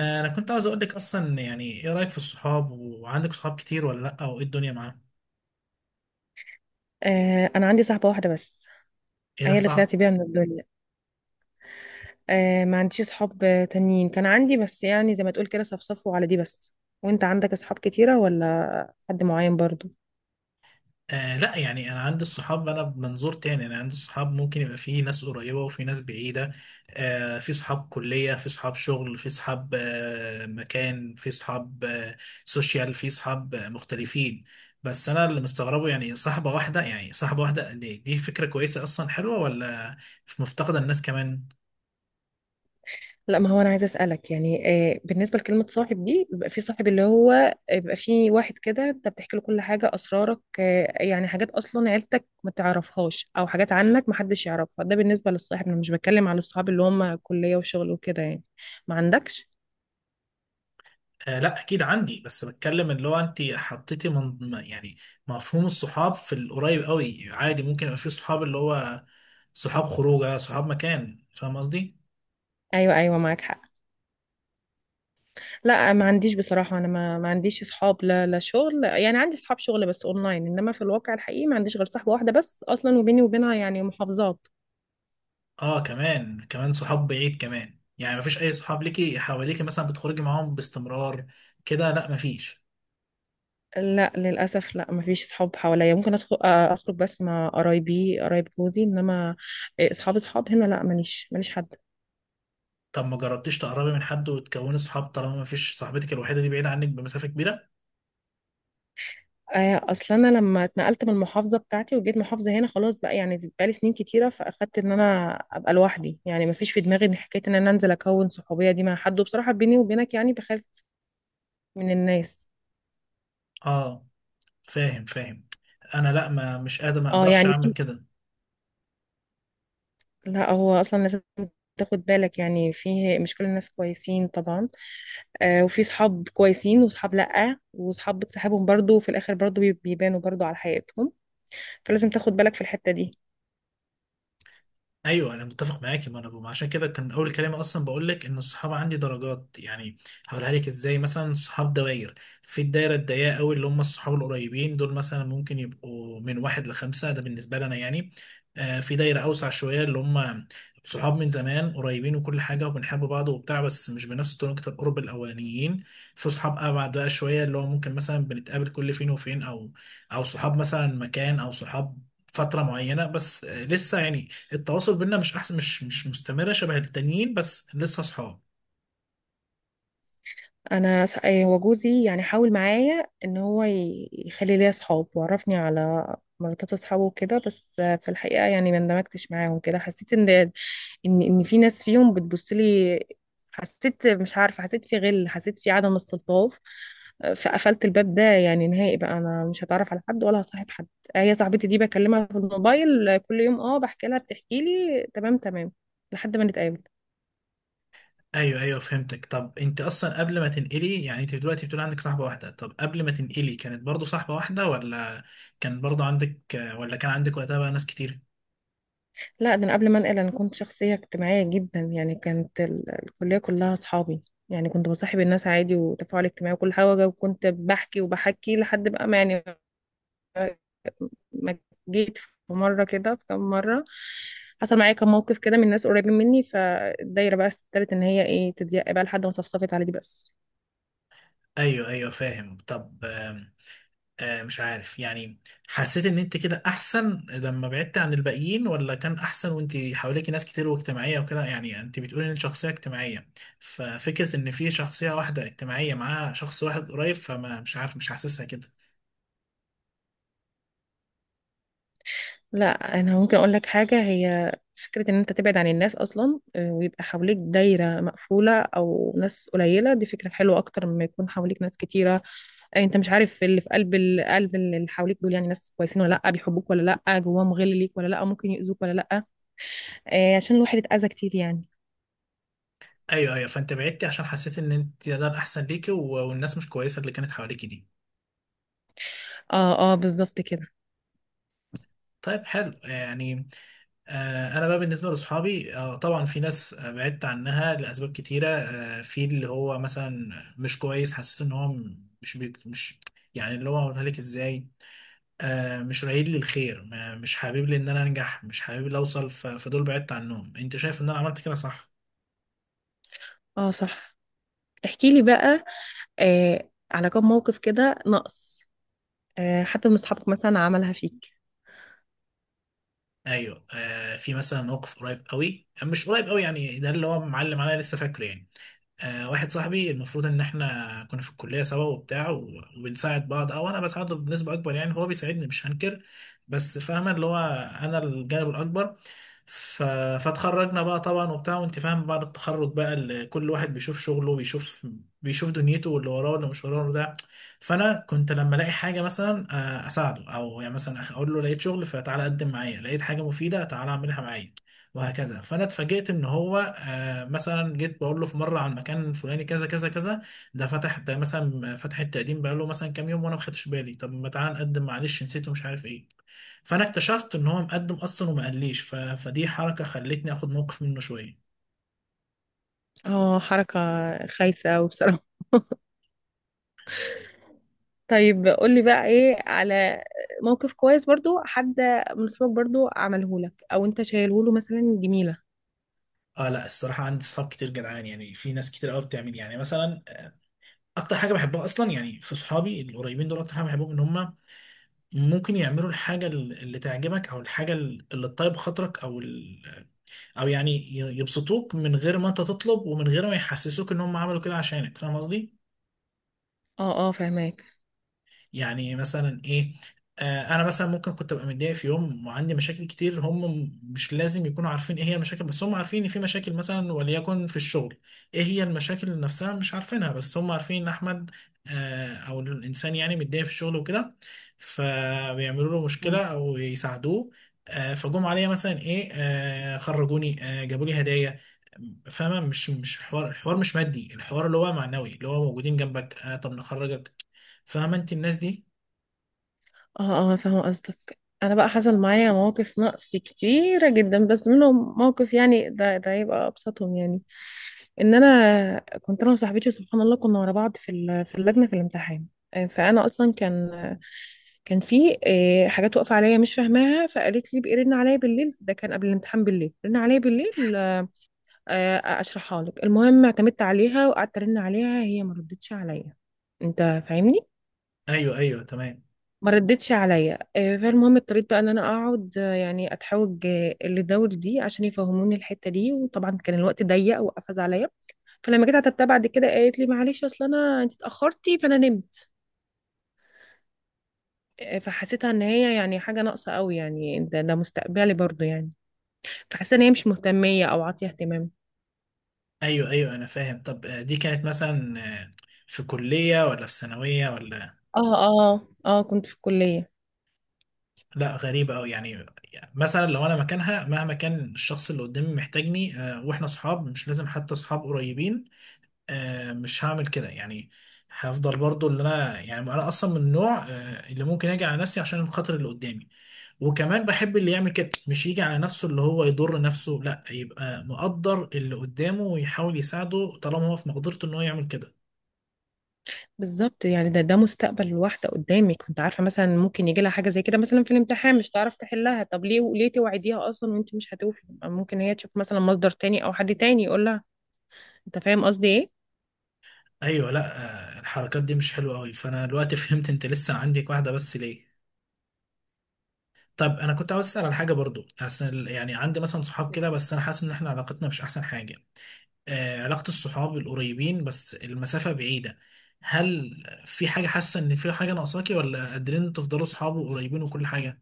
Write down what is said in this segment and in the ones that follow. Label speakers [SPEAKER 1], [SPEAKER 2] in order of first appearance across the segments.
[SPEAKER 1] انا كنت عاوز اقول لك اصلا يعني ايه رايك في الصحاب؟ وعندك صحاب كتير ولا لا، او ايه الدنيا معاهم؟
[SPEAKER 2] آه انا عندي صاحبه واحده بس،
[SPEAKER 1] ايه ده
[SPEAKER 2] هي اللي
[SPEAKER 1] صعب.
[SPEAKER 2] طلعت بيها من الدنيا. آه ما عنديش صحاب تانيين، كان عندي بس يعني زي ما تقول كده صفصفوا على دي بس. وانت عندك اصحاب كتيره ولا حد معين برضو؟
[SPEAKER 1] آه لا، يعني انا عندي الصحاب، انا بمنظور تاني، انا عندي الصحاب ممكن يبقى في ناس قريبه وفي ناس بعيده. في صحاب كليه، في صحاب شغل، في صحاب مكان، في صحاب سوشيال، في صحاب مختلفين. بس انا اللي مستغربه، يعني صاحبه واحده، يعني صاحبه واحده، دي فكره كويسه اصلا، حلوه ولا مفتقده الناس كمان؟
[SPEAKER 2] لا ما هو انا عايزه اسالك يعني بالنسبه لكلمه صاحب دي، بيبقى في صاحب اللي هو بيبقى في واحد كده انت بتحكي له كل حاجه، اسرارك، آه يعني حاجات اصلا عيلتك ما تعرفهاش او حاجات عنك ما حدش يعرفها. ده بالنسبه للصاحب، انا مش بتكلم على الصحاب اللي هم كليه وشغل وكده يعني. ما عندكش؟
[SPEAKER 1] آه لا اكيد عندي، بس بتكلم اللي هو انت حطيتي يعني مفهوم الصحاب في القريب قوي، عادي ممكن يبقى في صحاب اللي هو صحاب خروجه، صحاب مكان، فاهم قصدي.
[SPEAKER 2] ايوه ايوه معاك حق. لا ما عنديش بصراحة، أنا ما عنديش أصحاب، لا لا شغل، يعني عندي أصحاب شغل بس أونلاين، إنما في الواقع الحقيقي ما عنديش غير صاحبة واحدة بس أصلا، وبيني وبينها يعني محافظات.
[SPEAKER 1] اه كمان كمان صحاب بعيد كمان، يعني مفيش اي صحاب ليكي حواليكي مثلا بتخرجي معاهم باستمرار كده؟ لا مفيش.
[SPEAKER 2] لا للأسف، لا ما فيش صحاب حواليا، ممكن أدخل آه، أخرج بس مع قرايبي، قرايب جوزي، إنما آه، أصحاب أصحاب هنا لا، ماليش ماليش حد.
[SPEAKER 1] طب ما جربتيش تقربي من حد وتكوني صحاب، طالما مفيش صاحبتك الوحيده دي بعيده عنك بمسافه كبيره؟
[SPEAKER 2] آه، أصلا أنا لما اتنقلت من المحافظة بتاعتي وجيت محافظة هنا خلاص بقى، يعني بقالي سنين كتيرة، فأخدت إن أنا أبقى لوحدي، يعني ما فيش في دماغي إن حكاية إن أنا أنزل أكون صحوبية دي مع حد، وبصراحة بيني وبينك يعني بخاف من الناس.
[SPEAKER 1] اه فاهم فاهم. انا لا، ما مش قادر، ما
[SPEAKER 2] اه
[SPEAKER 1] اقدرش
[SPEAKER 2] يعني
[SPEAKER 1] اعمل
[SPEAKER 2] في،
[SPEAKER 1] كده.
[SPEAKER 2] لا هو اصلا لازم تاخد بالك، يعني في مش كل الناس كويسين طبعا، آه وفي صحاب كويسين وصحاب لا، وصحاب بتصاحبهم برضو وفي الاخر برضو بيبانوا برضو على حياتهم، فلازم تاخد بالك في الحتة دي.
[SPEAKER 1] ايوه انا متفق معاكي، ما انا ما عشان كده كان اول كلام اصلا بقول لك ان الصحاب عندي درجات يعني. هقولها لك ازاي، مثلا صحاب دوائر، في الدايره الضيقه قوي اللي هم الصحاب القريبين دول، مثلا ممكن يبقوا من واحد لخمسه، ده بالنسبه لي انا يعني. آه في دايره اوسع شويه، اللي هم صحاب من زمان قريبين وكل حاجه وبنحب بعض وبتاع، بس مش بنفس درجه القرب الاولانيين. في صحاب ابعد بقى شويه، اللي هو ممكن مثلا بنتقابل كل فين وفين، او او صحاب مثلا مكان، او صحاب فترة معينة بس، لسه يعني التواصل بينا مش احسن مش مش مستمره شبه التانيين، بس لسه صحاب.
[SPEAKER 2] انا إيه، هو جوزي يعني حاول معايا ان هو يخلي ليا اصحاب، وعرفني على مراتات اصحابه وكده، بس آه، في الحقيقه يعني ما اندمجتش معاهم كده، حسيت ان ان في ناس فيهم بتبص لي، حسيت مش عارفه، حسيت في غل، حسيت في عدم استلطاف، آه، فقفلت الباب ده يعني نهائي بقى، انا مش هتعرف على حد ولا هصاحب حد. آه، هي صاحبتي دي بكلمها في الموبايل آه، كل يوم، اه بحكي لها بتحكي لي، تمام تمام لحد ما نتقابل.
[SPEAKER 1] ايوه ايوه فهمتك. طب انت اصلا قبل ما تنقلي، يعني انت دلوقتي بتقول عندك صاحبه واحده، طب قبل ما تنقلي كانت برضو صاحبه واحده، ولا كان برضو عندك، ولا كان عندك وقتها بقى ناس كتير؟
[SPEAKER 2] لا ده انا قبل ما انقل انا كنت شخصيه اجتماعيه جدا، يعني كانت الكليه كلها اصحابي، يعني كنت بصاحب الناس عادي، وتفاعل اجتماعي وكل حاجه، وكنت بحكي وبحكي لحد بقى ما يعني ما جيت في مره كده، في كام مره حصل معايا كام موقف كده من ناس قريبين مني، فالدايره بقى استدارت ان هي ايه تضيق بقى لحد ما صفصفت على دي بس.
[SPEAKER 1] ايوه ايوه فاهم. طب مش عارف يعني، حسيت ان انت كده احسن لما بعدت عن الباقيين، ولا كان احسن وانت حواليك ناس كتير واجتماعية وكده؟ يعني انت بتقولي ان انت شخصية اجتماعية، ففكرة ان في شخصية واحدة اجتماعية معاها شخص واحد قريب، فما مش عارف، مش حاسسها كده.
[SPEAKER 2] لا انا ممكن اقول لك حاجه، هي فكره ان انت تبعد عن الناس اصلا آه، ويبقى حواليك دايره مقفوله او ناس قليله، دي فكره حلوه اكتر مما يكون حواليك ناس كتيره. انت مش عارف اللي في قلب قلب اللي حواليك دول، يعني ناس كويسين ولا لا، بيحبوك ولا لا، جواهم غل ليك ولا لا، ممكن يؤذوك ولا لا. آه عشان الواحد اتأذى كتير يعني.
[SPEAKER 1] ايوه ايوه، فانت بعدتي عشان حسيت ان انت ده الاحسن ليكي، والناس مش كويسة اللي كانت حواليكي دي.
[SPEAKER 2] اه اه بالظبط كده.
[SPEAKER 1] طيب حلو يعني. انا بقى بالنسبه لاصحابي، طبعا في ناس بعدت عنها لاسباب كتيره، في اللي هو مثلا مش كويس، حسيت ان هو م- مش بيك مش يعني، اللي هو اقولها لك ازاي، مش رايد لي الخير، مش حابب لي ان انا انجح، مش حابب لي اوصل، فدول بعدت عنهم. انت شايف ان انا عملت كده صح؟
[SPEAKER 2] اه صح، احكي لي بقى آه على كم موقف كده نقص آه حتى من اصحابك مثلا عملها فيك.
[SPEAKER 1] ايوه في مثلا موقف قريب قوي، مش قريب قوي يعني، ده اللي هو معلم عليا لسه فاكره يعني. واحد صاحبي، المفروض ان احنا كنا في الكليه سوا وبتاع، وبنساعد بعض، او انا بساعده بنسبه اكبر يعني، هو بيساعدني مش هنكر، بس فاهمه اللي هو انا الجانب الاكبر. ف... فاتخرجنا بقى طبعا وبتاع وانت فاهم، بعد التخرج بقى كل واحد بيشوف شغله، بيشوف دنيته واللي وراه واللي مش وراه ده. فانا كنت لما الاقي حاجه مثلا اساعده، او يعني مثلا اقول له لقيت شغل فتعالى قدم معايا، لقيت حاجه مفيده تعالى اعملها معايا، وهكذا. فانا اتفاجئت ان هو مثلا جيت بقول له في مره عن مكان الفلاني كذا كذا كذا، ده فتح، ده مثلا فتح التقديم بقى له مثلا كام يوم وانا ما خدتش بالي، طب ما تعالى نقدم معلش نسيته مش عارف ايه، فانا اكتشفت ان هو مقدم اصلا وما قاليش. فدي حركه خلتني اخد موقف منه شويه.
[SPEAKER 2] اه حركة خايفة وبصراحة. طيب قول لي بقى ايه على موقف كويس برضو حد من اصحابك برضو عمله لك او انت شايله له مثلا جميلة.
[SPEAKER 1] اه لا الصراحه عندي صحاب كتير جدعان، يعني في ناس كتير قوي بتعمل يعني مثلا، اكتر حاجه بحبها اصلا يعني في صحابي القريبين دول، اكتر حاجه بحبهم ان هم ممكن يعملوا الحاجه اللي تعجبك، او الحاجه اللي تطيب خاطرك، او يعني يبسطوك من غير ما انت تطلب ومن غير ما يحسسوك ان هم عملوا كده عشانك، فاهم قصدي؟
[SPEAKER 2] اه اه فهماك.
[SPEAKER 1] يعني مثلا ايه، آه انا مثلا ممكن كنت ابقى متضايق في يوم وعندي مشاكل كتير، هم مش لازم يكونوا عارفين ايه هي المشاكل، بس هم عارفين ان في مشاكل مثلا، وليكن في الشغل. ايه هي المشاكل نفسها مش عارفينها، بس هم عارفين ان احمد او الانسان يعني متضايق في الشغل وكده، فبيعملوا له مشكلة او يساعدوه. آه فجم عليا مثلا ايه، آه خرجوني، آه جابوا لي هدايا، فاهمة؟ مش الحوار، الحوار مش مادي، الحوار اللي هو معنوي، اللي هو موجودين جنبك. آه طب نخرجك، فاهمة انت الناس دي؟
[SPEAKER 2] اه اه فاهمة قصدك. انا بقى حصل معايا مواقف نقص كتيرة جدا، بس منهم موقف يعني ده ده يبقى ابسطهم يعني، ان انا كنت انا وصاحبتي سبحان الله كنا ورا بعض في في اللجنة في الامتحان، آه، فانا اصلا كان كان في آه، حاجات واقفه عليا مش فاهماها، فقالت لي بقى رن عليا بالليل، ده كان قبل الامتحان بالليل، رن عليا بالليل آه، اشرحها لك. المهم اعتمدت عليها وقعدت ارن عليها، هي ما ردتش عليا، انت فاهمني؟
[SPEAKER 1] ايوه ايوه تمام.
[SPEAKER 2] ما ردتش عليا آه، فالمهم اضطريت بقى ان انا اقعد آه، يعني اتحوج آه، للدول دي عشان يفهموني الحته دي، وطبعا كان الوقت ضيق وقفز عليا. فلما جيت عتبتها بعد كده قالت لي معلش اصل انا انت اتاخرتي فانا نمت، آه، فحسيتها ان هي يعني حاجه ناقصه قوي، يعني ده ده مستقبلي برضو يعني، فحسيت ان هي مش مهتميه او عاطيه اهتمام.
[SPEAKER 1] ايوه ايوه انا فاهم. طب دي كانت مثلا في كلية ولا في ثانوية ولا؟
[SPEAKER 2] اه اه اه كنت في الكليه.
[SPEAKER 1] لا غريبة أوي يعني. يعني مثلا لو أنا مكانها، مهما كان الشخص اللي قدامي محتاجني وإحنا صحاب، مش لازم حتى صحاب قريبين، مش هعمل كده يعني. هفضل برضو اللي أنا يعني أنا أصلا من النوع اللي ممكن أجي على نفسي عشان خاطر اللي قدامي. وكمان بحب اللي يعمل كده، مش يجي على نفسه اللي هو يضر نفسه لا، يبقى مقدر اللي قدامه ويحاول يساعده طالما هو في مقدرته إن هو يعمل كده.
[SPEAKER 2] بالظبط، يعني ده ده مستقبل الواحدة قدامك، كنت عارفة مثلا ممكن يجي لها حاجة زي كده مثلا في الامتحان مش تعرف تحلها، طب ليه ليه توعديها أصلا وأنت مش هتوفي؟ ممكن هي تشوف مثلا مصدر تاني أو حد تاني يقول لها، أنت فاهم قصدي؟
[SPEAKER 1] ايوه لا، الحركات دي مش حلوه قوي. فانا دلوقتي فهمت انت لسه عندك واحده بس ليه. طب انا كنت عاوز اسال على حاجه برضو، حاسس يعني عندي مثلا صحاب
[SPEAKER 2] إيه؟
[SPEAKER 1] كده، بس انا حاسس ان احنا علاقتنا مش احسن حاجه، آه علاقه الصحاب القريبين بس المسافه بعيده، هل في حاجه حاسه ان في حاجه ناقصاكي، ولا قادرين إنتوا تفضلوا صحاب وقريبين وكل حاجه؟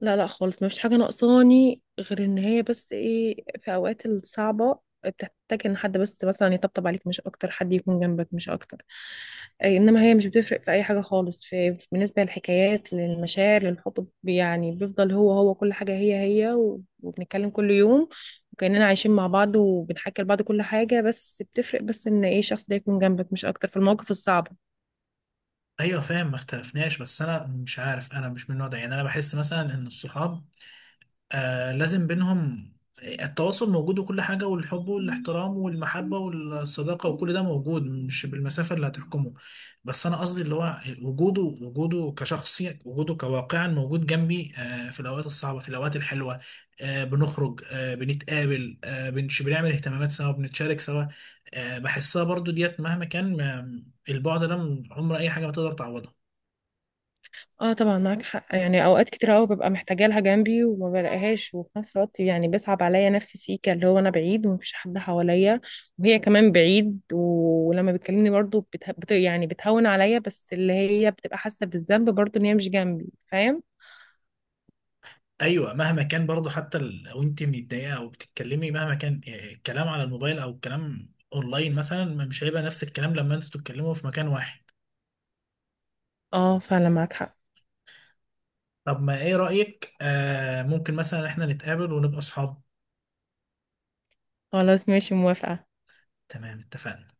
[SPEAKER 2] لا لا خالص، ما فيش حاجة ناقصاني غير ان هي بس ايه، في اوقات الصعبة بتحتاج ان حد بس مثلا يطبطب عليك مش اكتر، حد يكون جنبك مش اكتر، أي انما هي مش بتفرق في اي حاجة خالص، بالنسبة للحكايات للمشاعر للحب يعني بيفضل هو هو كل حاجة هي هي، وبنتكلم كل يوم وكأننا عايشين مع بعض، وبنحكي لبعض كل حاجة، بس بتفرق بس ان ايه، الشخص ده يكون جنبك مش اكتر في المواقف الصعبة.
[SPEAKER 1] ايوه فاهم ما اختلفناش، بس انا مش عارف، انا مش من النوع ده يعني، انا بحس مثلا ان الصحاب آه لازم بينهم التواصل موجود وكل حاجة، والحب والاحترام والمحبة والصداقة وكل ده موجود، مش بالمسافة اللي هتحكمه. بس أنا قصدي اللي هو وجوده، وجوده كشخص، وجوده كواقعا موجود جنبي، آه في الأوقات الصعبة في الأوقات الحلوة، آه بنخرج آه بنتقابل آه بنعمل اهتمامات سوا بنتشارك سوا. آه بحسها برضو ديت مهما كان البعد ده عمر أي حاجة ما تقدر تعوضه.
[SPEAKER 2] اه طبعا معاك حق، يعني اوقات كتير قوي ببقى محتاجه لها جنبي وما بلاقيهاش، وفي نفس الوقت يعني بيصعب عليا نفسي سيكا، اللي هو انا بعيد ومفيش حد حواليا، وهي كمان بعيد ولما بتكلمني برضو يعني بتهون عليا، بس اللي هي بتبقى حاسه بالذنب برضو ان هي مش جنبي، فاهم؟
[SPEAKER 1] ايوه مهما كان برضه، حتى لو انت متضايقه او بتتكلمي، مهما كان الكلام على الموبايل او الكلام اونلاين مثلا، مش هيبقى نفس الكلام لما انتوا تتكلموا في مكان واحد.
[SPEAKER 2] اه فعلا معاك حق.
[SPEAKER 1] طب ما ايه رأيك آه ممكن مثلا احنا نتقابل ونبقى اصحاب؟
[SPEAKER 2] خلاص ماشي موافقه.
[SPEAKER 1] تمام اتفقنا.